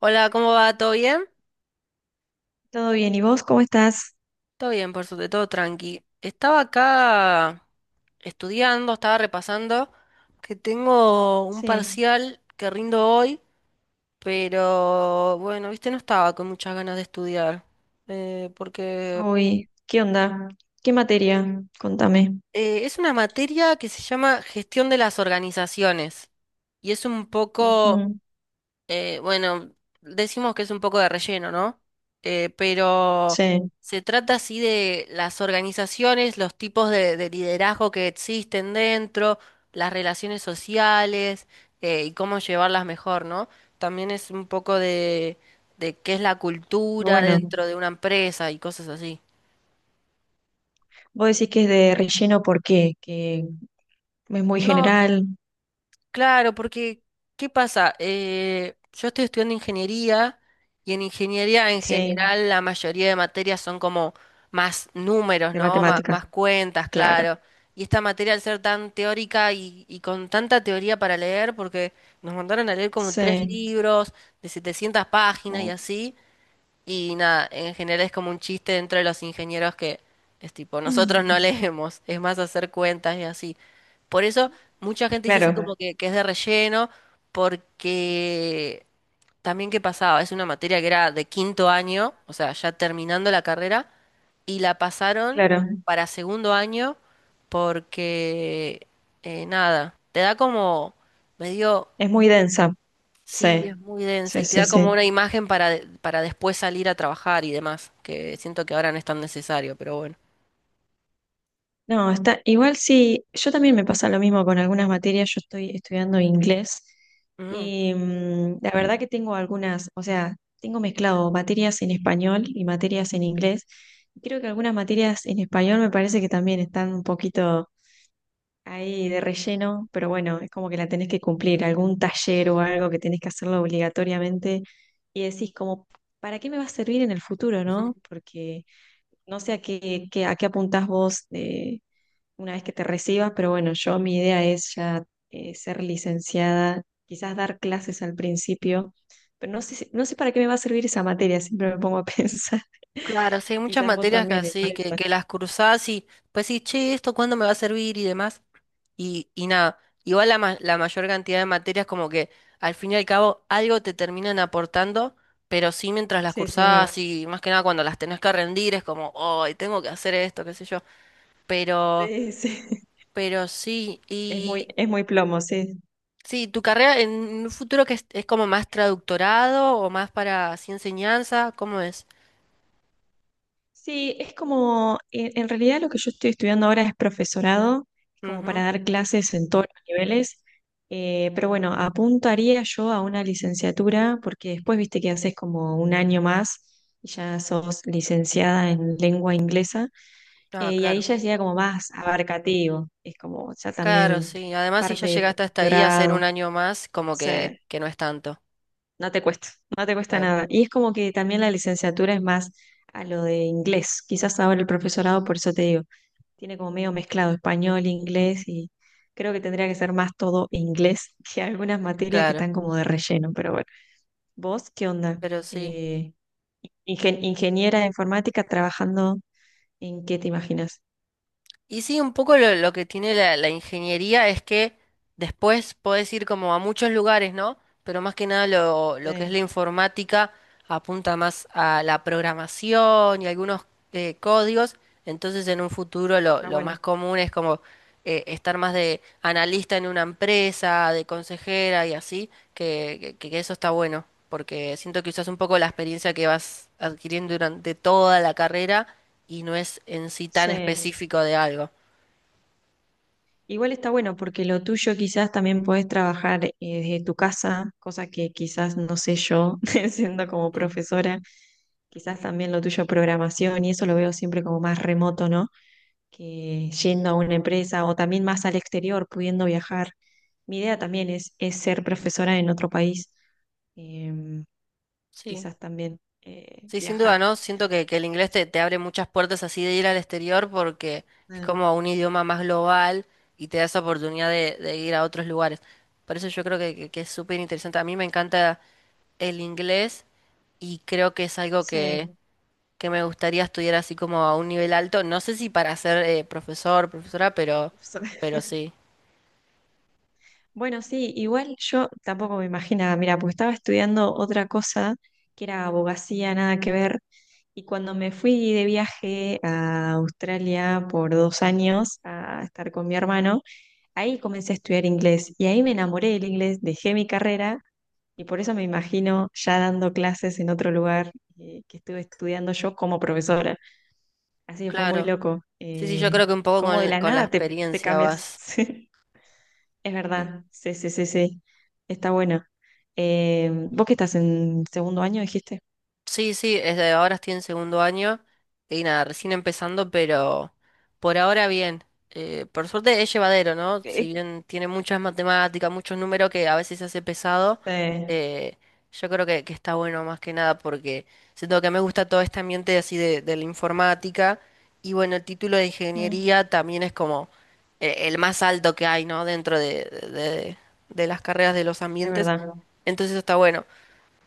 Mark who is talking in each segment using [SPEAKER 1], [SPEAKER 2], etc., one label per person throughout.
[SPEAKER 1] Hola, ¿cómo va? ¿Todo bien?
[SPEAKER 2] Todo bien, ¿y vos cómo estás?
[SPEAKER 1] Todo bien, por suerte, todo tranqui. Estaba acá estudiando, estaba repasando que tengo un
[SPEAKER 2] Sí,
[SPEAKER 1] parcial que rindo hoy, pero bueno, viste, no estaba con muchas ganas de estudiar, porque
[SPEAKER 2] hoy, ¿qué onda? ¿Qué materia? Contame.
[SPEAKER 1] es una materia que se llama gestión de las organizaciones y es un poco.
[SPEAKER 2] Ujú,
[SPEAKER 1] Bueno, decimos que es un poco de relleno, ¿no? Pero
[SPEAKER 2] sí,
[SPEAKER 1] se trata así de las organizaciones, los tipos de liderazgo que existen dentro, las relaciones sociales, y cómo llevarlas mejor, ¿no? También es un poco de qué es la cultura
[SPEAKER 2] bueno,
[SPEAKER 1] dentro de una empresa y cosas así.
[SPEAKER 2] vos decís que es de relleno, ¿por qué? Que es muy
[SPEAKER 1] No.
[SPEAKER 2] general,
[SPEAKER 1] Claro, porque, ¿qué pasa? Yo estoy estudiando ingeniería y en ingeniería en
[SPEAKER 2] sí,
[SPEAKER 1] general la mayoría de materias son como más números,
[SPEAKER 2] de
[SPEAKER 1] ¿no?
[SPEAKER 2] matemáticas,
[SPEAKER 1] Más cuentas,
[SPEAKER 2] claro,
[SPEAKER 1] claro. Y esta materia al ser tan teórica y con tanta teoría para leer, porque nos mandaron a leer como tres
[SPEAKER 2] sí.
[SPEAKER 1] libros de 700 páginas y
[SPEAKER 2] Mm.
[SPEAKER 1] así, y nada, en general es como un chiste dentro de los ingenieros que es tipo, nosotros no leemos, es más hacer cuentas y así. Por eso mucha gente dice así
[SPEAKER 2] Claro,
[SPEAKER 1] como que es de relleno, porque también qué pasaba, es una materia que era de quinto año, o sea, ya terminando la carrera, y la pasaron
[SPEAKER 2] claro,
[SPEAKER 1] para segundo año porque, nada, te da como medio.
[SPEAKER 2] es muy densa, sí,
[SPEAKER 1] Sí, es muy densa
[SPEAKER 2] sí,
[SPEAKER 1] y te
[SPEAKER 2] sí,
[SPEAKER 1] da como
[SPEAKER 2] sí.
[SPEAKER 1] una imagen para, para después salir a trabajar y demás, que siento que ahora no es tan necesario, pero bueno.
[SPEAKER 2] No, está igual sí, yo también me pasa lo mismo con algunas materias, yo estoy estudiando inglés
[SPEAKER 1] Mm.
[SPEAKER 2] y la verdad que tengo algunas, o sea, tengo mezclado materias en español y materias en inglés. Creo que algunas materias en español me parece que también están un poquito ahí de relleno, pero bueno, es como que la tenés que cumplir, algún taller o algo que tenés que hacerlo obligatoriamente y decís como, ¿para qué me va a servir en el futuro, no? Porque no sé a qué, a qué apuntás vos. Una vez que te recibas, pero bueno, yo mi idea es ya ser licenciada, quizás dar clases al principio, pero no sé, no sé para qué me va a servir esa materia, siempre me pongo a pensar,
[SPEAKER 1] Claro, sí, hay muchas
[SPEAKER 2] quizás vos
[SPEAKER 1] materias que
[SPEAKER 2] también con
[SPEAKER 1] así, que,
[SPEAKER 2] eso.
[SPEAKER 1] que las cruzás, y pues sí, che, ¿esto cuándo me va a servir? Y demás. Y nada, igual la mayor cantidad de materias como que al fin y al cabo algo te terminan aportando, pero sí mientras las
[SPEAKER 2] Sí, sí, es verdad.
[SPEAKER 1] cursás y más que nada cuando las tenés que rendir es como, ay, tengo que hacer esto, qué sé yo. Pero,
[SPEAKER 2] Sí, sí.
[SPEAKER 1] pero sí.
[SPEAKER 2] Es muy plomo, sí.
[SPEAKER 1] Sí, tu carrera en un futuro, que es como más traductorado o más para así enseñanza, ¿cómo es?
[SPEAKER 2] Sí, es como, en realidad lo que yo estoy estudiando ahora es profesorado, es como
[SPEAKER 1] Ujú.
[SPEAKER 2] para dar clases en todos los niveles, pero bueno, apuntaría yo a una licenciatura porque después viste que haces como un año más y ya sos licenciada en lengua inglesa,
[SPEAKER 1] Ah,
[SPEAKER 2] y
[SPEAKER 1] claro.
[SPEAKER 2] ahí
[SPEAKER 1] Ujú.
[SPEAKER 2] ya sería como más abarcativo, es como ya
[SPEAKER 1] Claro, mm,
[SPEAKER 2] también
[SPEAKER 1] sí. Además, si ya
[SPEAKER 2] parte de tu
[SPEAKER 1] llegaste hasta ahí a hacer un
[SPEAKER 2] doctorado, o
[SPEAKER 1] año más, como que,
[SPEAKER 2] sea,
[SPEAKER 1] que no es tanto.
[SPEAKER 2] no te cuesta, no te cuesta
[SPEAKER 1] Claro.
[SPEAKER 2] nada. Y es como que también la licenciatura es más a lo de inglés, quizás ahora el
[SPEAKER 1] Ujú.
[SPEAKER 2] profesorado, por eso te digo. Tiene como medio mezclado español, inglés y creo que tendría que ser más todo inglés que algunas materias que
[SPEAKER 1] Claro,
[SPEAKER 2] están como de relleno, pero bueno. ¿Vos qué onda?
[SPEAKER 1] pero sí.
[SPEAKER 2] Eh, Ingeniera de informática trabajando en qué te imaginas?
[SPEAKER 1] Y sí, un poco lo que tiene la ingeniería es que después podés ir como a muchos lugares, ¿no? Pero más que nada lo que es la
[SPEAKER 2] Sí,
[SPEAKER 1] informática apunta más a la programación y algunos, códigos, entonces en un futuro lo,
[SPEAKER 2] está
[SPEAKER 1] lo más
[SPEAKER 2] bueno.
[SPEAKER 1] común es como, estar más de analista en una empresa, de consejera y así, que eso está bueno, porque siento que usas un poco la experiencia que vas adquiriendo durante toda la carrera, y no es en sí tan
[SPEAKER 2] Sí.
[SPEAKER 1] específico de algo.
[SPEAKER 2] Igual está bueno porque lo tuyo quizás también podés trabajar desde tu casa, cosa que quizás no sé yo siendo como
[SPEAKER 1] Mm.
[SPEAKER 2] profesora. Quizás también lo tuyo programación y eso lo veo siempre como más remoto, ¿no? Que yendo a una empresa o también más al exterior, pudiendo viajar. Mi idea también es ser profesora en otro país, em,
[SPEAKER 1] Sí.
[SPEAKER 2] quizás también
[SPEAKER 1] Sí, sin duda,
[SPEAKER 2] viajar.
[SPEAKER 1] ¿no? Siento que el inglés te abre muchas puertas así de ir al exterior porque es
[SPEAKER 2] Ah,
[SPEAKER 1] como un idioma más global y te da esa oportunidad de ir a otros lugares. Por eso yo creo que es súper interesante. A mí me encanta el inglés, y creo que es algo que,
[SPEAKER 2] sí.
[SPEAKER 1] que me gustaría estudiar así como a un nivel alto. No sé si para ser profesor, profesora,
[SPEAKER 2] So-
[SPEAKER 1] pero sí.
[SPEAKER 2] Bueno, sí, igual yo tampoco me imaginaba, mira, porque estaba estudiando otra cosa que era abogacía, nada que ver, y cuando me fui de viaje a Australia por 2 años a estar con mi hermano, ahí comencé a estudiar inglés y ahí me enamoré del inglés, dejé mi carrera. Y por eso me imagino ya dando clases en otro lugar que estuve estudiando yo como profesora. Así que fue muy
[SPEAKER 1] Claro.
[SPEAKER 2] loco.
[SPEAKER 1] Sí, sí, yo creo que un poco
[SPEAKER 2] Cómo de
[SPEAKER 1] con,
[SPEAKER 2] la
[SPEAKER 1] con la
[SPEAKER 2] nada te, te
[SPEAKER 1] experiencia
[SPEAKER 2] cambias.
[SPEAKER 1] vas.
[SPEAKER 2] Sí, es verdad. Sí, sí, sí, sí. Está bueno. Vos que estás en segundo año, dijiste.
[SPEAKER 1] Sí, sí, ahora estoy en segundo año y nada, recién empezando, pero por ahora bien. Por suerte es llevadero, ¿no? Si
[SPEAKER 2] Eh,
[SPEAKER 1] bien tiene muchas matemáticas, muchos números que a veces se hace pesado,
[SPEAKER 2] Sí,
[SPEAKER 1] eh, yo creo que está bueno más que nada porque siento que me gusta todo este ambiente así de la informática, y bueno, el título de
[SPEAKER 2] mm,
[SPEAKER 1] ingeniería también es como, el más alto que hay, ¿no? Dentro de las carreras, de los
[SPEAKER 2] es
[SPEAKER 1] ambientes,
[SPEAKER 2] verdad.
[SPEAKER 1] entonces eso está bueno,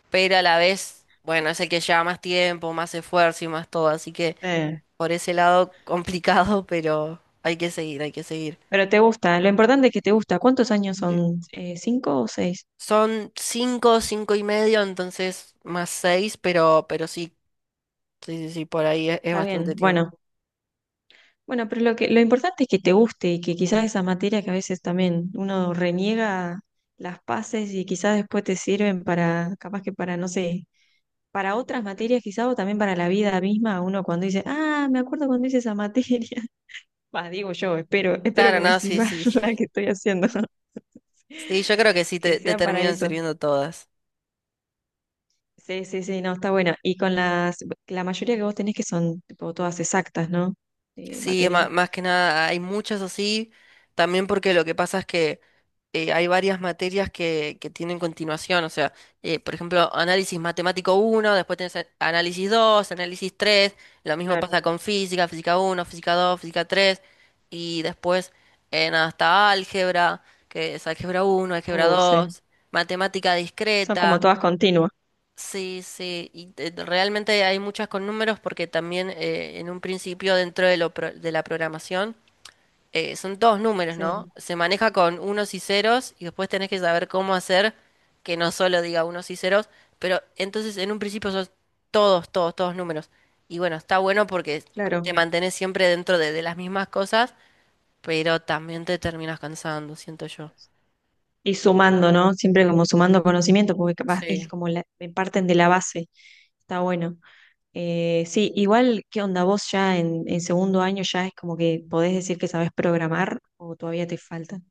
[SPEAKER 1] pero a la vez, bueno, es el que lleva más tiempo, más esfuerzo y más todo, así que
[SPEAKER 2] Sí.
[SPEAKER 1] por ese lado complicado, pero hay que seguir, hay que seguir.
[SPEAKER 2] Pero te gusta. Lo importante es que te gusta. ¿Cuántos años
[SPEAKER 1] Sí.
[SPEAKER 2] son? ¿Cinco o seis?
[SPEAKER 1] Son cinco, cinco y medio, entonces más seis, pero sí, sí, sí, sí, por ahí es
[SPEAKER 2] Está
[SPEAKER 1] bastante
[SPEAKER 2] bien.
[SPEAKER 1] tiempo.
[SPEAKER 2] Bueno. Bueno, pero lo que, lo importante es que te guste y que quizás esa materia que a veces también uno reniega las pases y quizás después te sirven para, capaz que para, no sé, para otras materias quizás o también para la vida misma, uno cuando dice, ah, me acuerdo cuando hice esa materia. Bah, digo yo, espero, espero
[SPEAKER 1] Claro,
[SPEAKER 2] que me
[SPEAKER 1] no, sí,
[SPEAKER 2] sirva
[SPEAKER 1] sí, sí.
[SPEAKER 2] la que estoy haciendo,
[SPEAKER 1] Sí, yo creo que sí
[SPEAKER 2] que
[SPEAKER 1] te
[SPEAKER 2] sea para
[SPEAKER 1] terminan
[SPEAKER 2] eso.
[SPEAKER 1] sirviendo todas.
[SPEAKER 2] Sí, sí, sí, no, está bueno. Y con las, la mayoría que vos tenés que son tipo todas exactas, ¿no?
[SPEAKER 1] Sí,
[SPEAKER 2] Materias.
[SPEAKER 1] más que nada, hay muchas así, también porque lo que pasa es que, hay varias materias que tienen continuación, o sea, por ejemplo, análisis matemático uno, después tenés análisis 2, análisis tres; lo mismo pasa
[SPEAKER 2] Claro.
[SPEAKER 1] con física uno, física 2, física tres; y después en hasta álgebra, que es álgebra uno, álgebra
[SPEAKER 2] Sí.
[SPEAKER 1] 2, matemática
[SPEAKER 2] Son como
[SPEAKER 1] discreta.
[SPEAKER 2] todas continuas.
[SPEAKER 1] Sí, sí, y realmente hay muchas con números, porque también, en un principio dentro de la programación, son todos números, ¿no?
[SPEAKER 2] Sí,
[SPEAKER 1] Se maneja con unos y ceros, y después tenés que saber cómo hacer que no solo diga unos y ceros, pero entonces en un principio son todos, todos, todos números. Y bueno, está bueno porque te
[SPEAKER 2] claro.
[SPEAKER 1] mantenés siempre dentro de las mismas cosas, pero también te terminas cansando, siento yo.
[SPEAKER 2] Y sumando, ¿no? Siempre como sumando conocimiento, porque capaz es
[SPEAKER 1] Sí.
[SPEAKER 2] como la, me parten de la base. Está bueno. Sí, igual, ¿qué onda? ¿Vos ya en segundo año ya es como que podés decir que sabés programar o todavía te faltan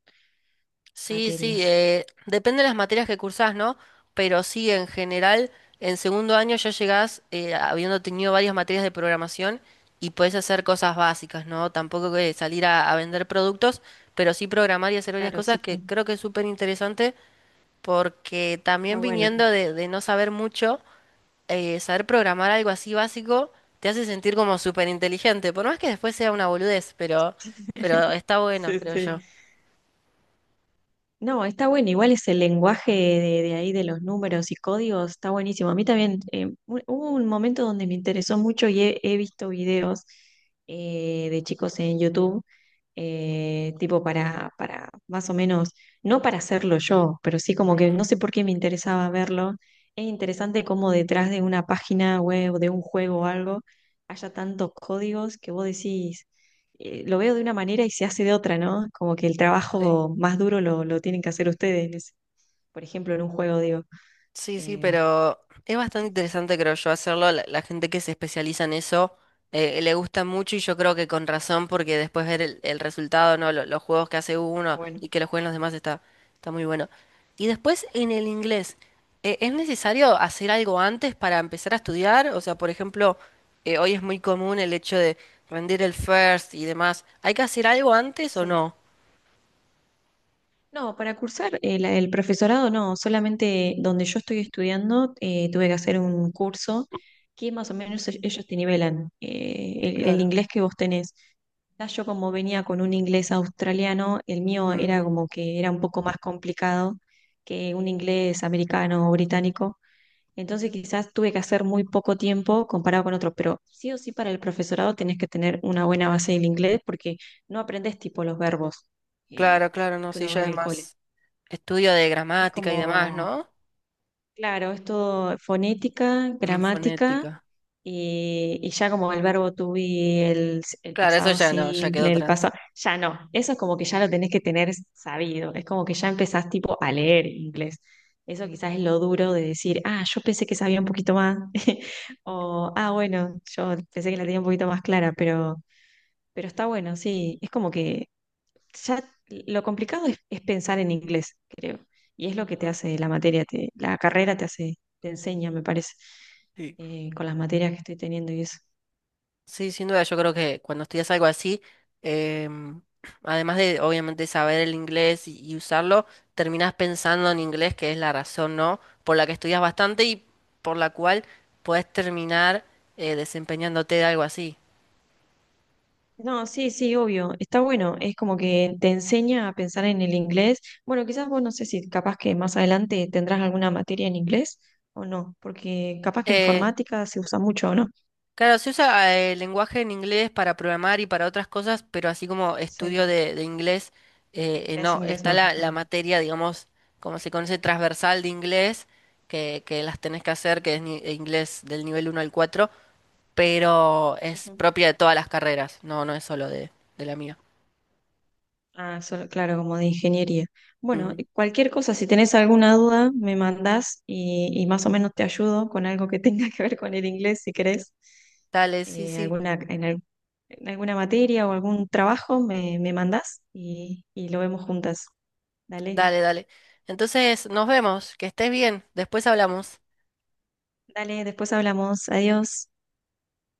[SPEAKER 1] Sí, sí,
[SPEAKER 2] materias?
[SPEAKER 1] depende de las materias que cursás, ¿no? Pero sí, en general, en segundo año ya llegás, habiendo tenido varias materias de programación, y podés hacer cosas básicas, ¿no? Tampoco que salir a vender productos, pero sí programar y hacer varias
[SPEAKER 2] Claro,
[SPEAKER 1] cosas
[SPEAKER 2] sí,
[SPEAKER 1] que
[SPEAKER 2] sí.
[SPEAKER 1] creo que es súper interesante, porque
[SPEAKER 2] Está
[SPEAKER 1] también
[SPEAKER 2] bueno.
[SPEAKER 1] viniendo de no saber mucho, saber programar algo así básico te hace sentir como súper inteligente, por más que después sea una boludez, pero está bueno,
[SPEAKER 2] Sí,
[SPEAKER 1] creo
[SPEAKER 2] sí.
[SPEAKER 1] yo.
[SPEAKER 2] No, está bueno, igual ese lenguaje de ahí de los números y códigos está buenísimo. A mí también hubo un momento donde me interesó mucho y he visto videos de chicos en YouTube, tipo para más o menos, no para hacerlo yo, pero sí como que no sé por qué me interesaba verlo. Es interesante cómo detrás de una página web, de un juego o algo, haya tantos códigos que vos decís lo veo de una manera y se hace de otra, ¿no? Como que el
[SPEAKER 1] Sí.
[SPEAKER 2] trabajo más duro lo tienen que hacer ustedes, en por ejemplo, en un juego, digo.
[SPEAKER 1] Sí, sí,
[SPEAKER 2] Eh,
[SPEAKER 1] pero es bastante
[SPEAKER 2] quizás,
[SPEAKER 1] interesante, creo yo, hacerlo. La gente que se especializa en eso, le gusta mucho, y yo creo que con razón, porque después ver el resultado, ¿no? Los juegos que hace
[SPEAKER 2] ah,
[SPEAKER 1] uno
[SPEAKER 2] bueno,
[SPEAKER 1] y que los jueguen los demás está muy bueno. Y después en el inglés, ¿es necesario hacer algo antes para empezar a estudiar? O sea, por ejemplo, hoy es muy común el hecho de rendir el first y demás. ¿Hay que hacer algo antes o
[SPEAKER 2] sí.
[SPEAKER 1] no?
[SPEAKER 2] No, para cursar el profesorado no, solamente donde yo estoy estudiando tuve que hacer un curso que más o menos ellos te nivelan el
[SPEAKER 1] Claro.
[SPEAKER 2] inglés que vos tenés. Ya yo como venía con un inglés australiano, el mío era
[SPEAKER 1] Ujú.
[SPEAKER 2] como que era un poco más complicado que un inglés americano o británico. Entonces quizás tuve que hacer muy poco tiempo comparado con otros, pero sí o sí para el profesorado tenés que tener una buena base del inglés porque no aprendes tipo los verbos
[SPEAKER 1] Claro,
[SPEAKER 2] eh,
[SPEAKER 1] claro, no,
[SPEAKER 2] que
[SPEAKER 1] sí,
[SPEAKER 2] uno ve
[SPEAKER 1] ya
[SPEAKER 2] en
[SPEAKER 1] es
[SPEAKER 2] el cole.
[SPEAKER 1] más estudio de
[SPEAKER 2] Es
[SPEAKER 1] gramática y demás,
[SPEAKER 2] como,
[SPEAKER 1] ¿no?
[SPEAKER 2] claro, es todo fonética,
[SPEAKER 1] Mm,
[SPEAKER 2] gramática
[SPEAKER 1] fonética.
[SPEAKER 2] y ya como el verbo to be, el
[SPEAKER 1] Claro, eso
[SPEAKER 2] pasado
[SPEAKER 1] ya no, ya quedó
[SPEAKER 2] simple, el
[SPEAKER 1] atrás.
[SPEAKER 2] pasado, ya no, eso es como que ya lo tenés que tener sabido, es como que ya empezás tipo a leer inglés. Eso quizás es lo duro de decir, ah, yo pensé que sabía un poquito más, o ah, bueno, yo pensé que la tenía un poquito más clara, pero está bueno, sí, es como que ya lo complicado es pensar en inglés, creo. Y es lo que te
[SPEAKER 1] Mm,
[SPEAKER 2] hace la materia, la carrera te hace, te enseña, me parece,
[SPEAKER 1] sí.
[SPEAKER 2] con las materias que estoy teniendo y eso.
[SPEAKER 1] Sí, sin duda, yo creo que cuando estudias algo así, em, además de obviamente saber el inglés y usarlo, terminás pensando en inglés, que es la razón, ¿no? Por la que estudias bastante y por la cual podés terminar, desempeñándote de algo así.
[SPEAKER 2] No, sí, sí, obvio, está bueno, es como que te enseña a pensar en el inglés. Bueno, quizás vos no sé si capaz que más adelante tendrás alguna materia en inglés o no, porque capaz que
[SPEAKER 1] Eh,
[SPEAKER 2] informática se usa mucho, ¿o no?
[SPEAKER 1] Claro, se usa, el lenguaje en inglés para programar y para otras cosas, pero así como estudio
[SPEAKER 2] Sí,
[SPEAKER 1] de inglés,
[SPEAKER 2] inglés,
[SPEAKER 1] no,
[SPEAKER 2] inglés
[SPEAKER 1] está
[SPEAKER 2] no.
[SPEAKER 1] la
[SPEAKER 2] Ah,
[SPEAKER 1] materia, digamos, como se conoce, transversal de inglés, que las tenés que hacer, que es inglés del nivel uno al 4, pero es
[SPEAKER 2] ujú.
[SPEAKER 1] propia de todas las carreras, no, no es solo de la mía.
[SPEAKER 2] Ah, solo- claro, como de ingeniería. Bueno,
[SPEAKER 1] Ujú.
[SPEAKER 2] cualquier cosa, si tenés alguna duda, me mandás y más o menos te ayudo con algo que tenga que ver con el inglés, si querés.
[SPEAKER 1] Dale, sí,
[SPEAKER 2] Eh,
[SPEAKER 1] sí,
[SPEAKER 2] alguna, en, al- en alguna materia o algún trabajo, me mandás y lo vemos juntas. Dale,
[SPEAKER 1] dale, dale. Entonces, nos vemos, que estés bien, después hablamos.
[SPEAKER 2] dale, después hablamos. Adiós.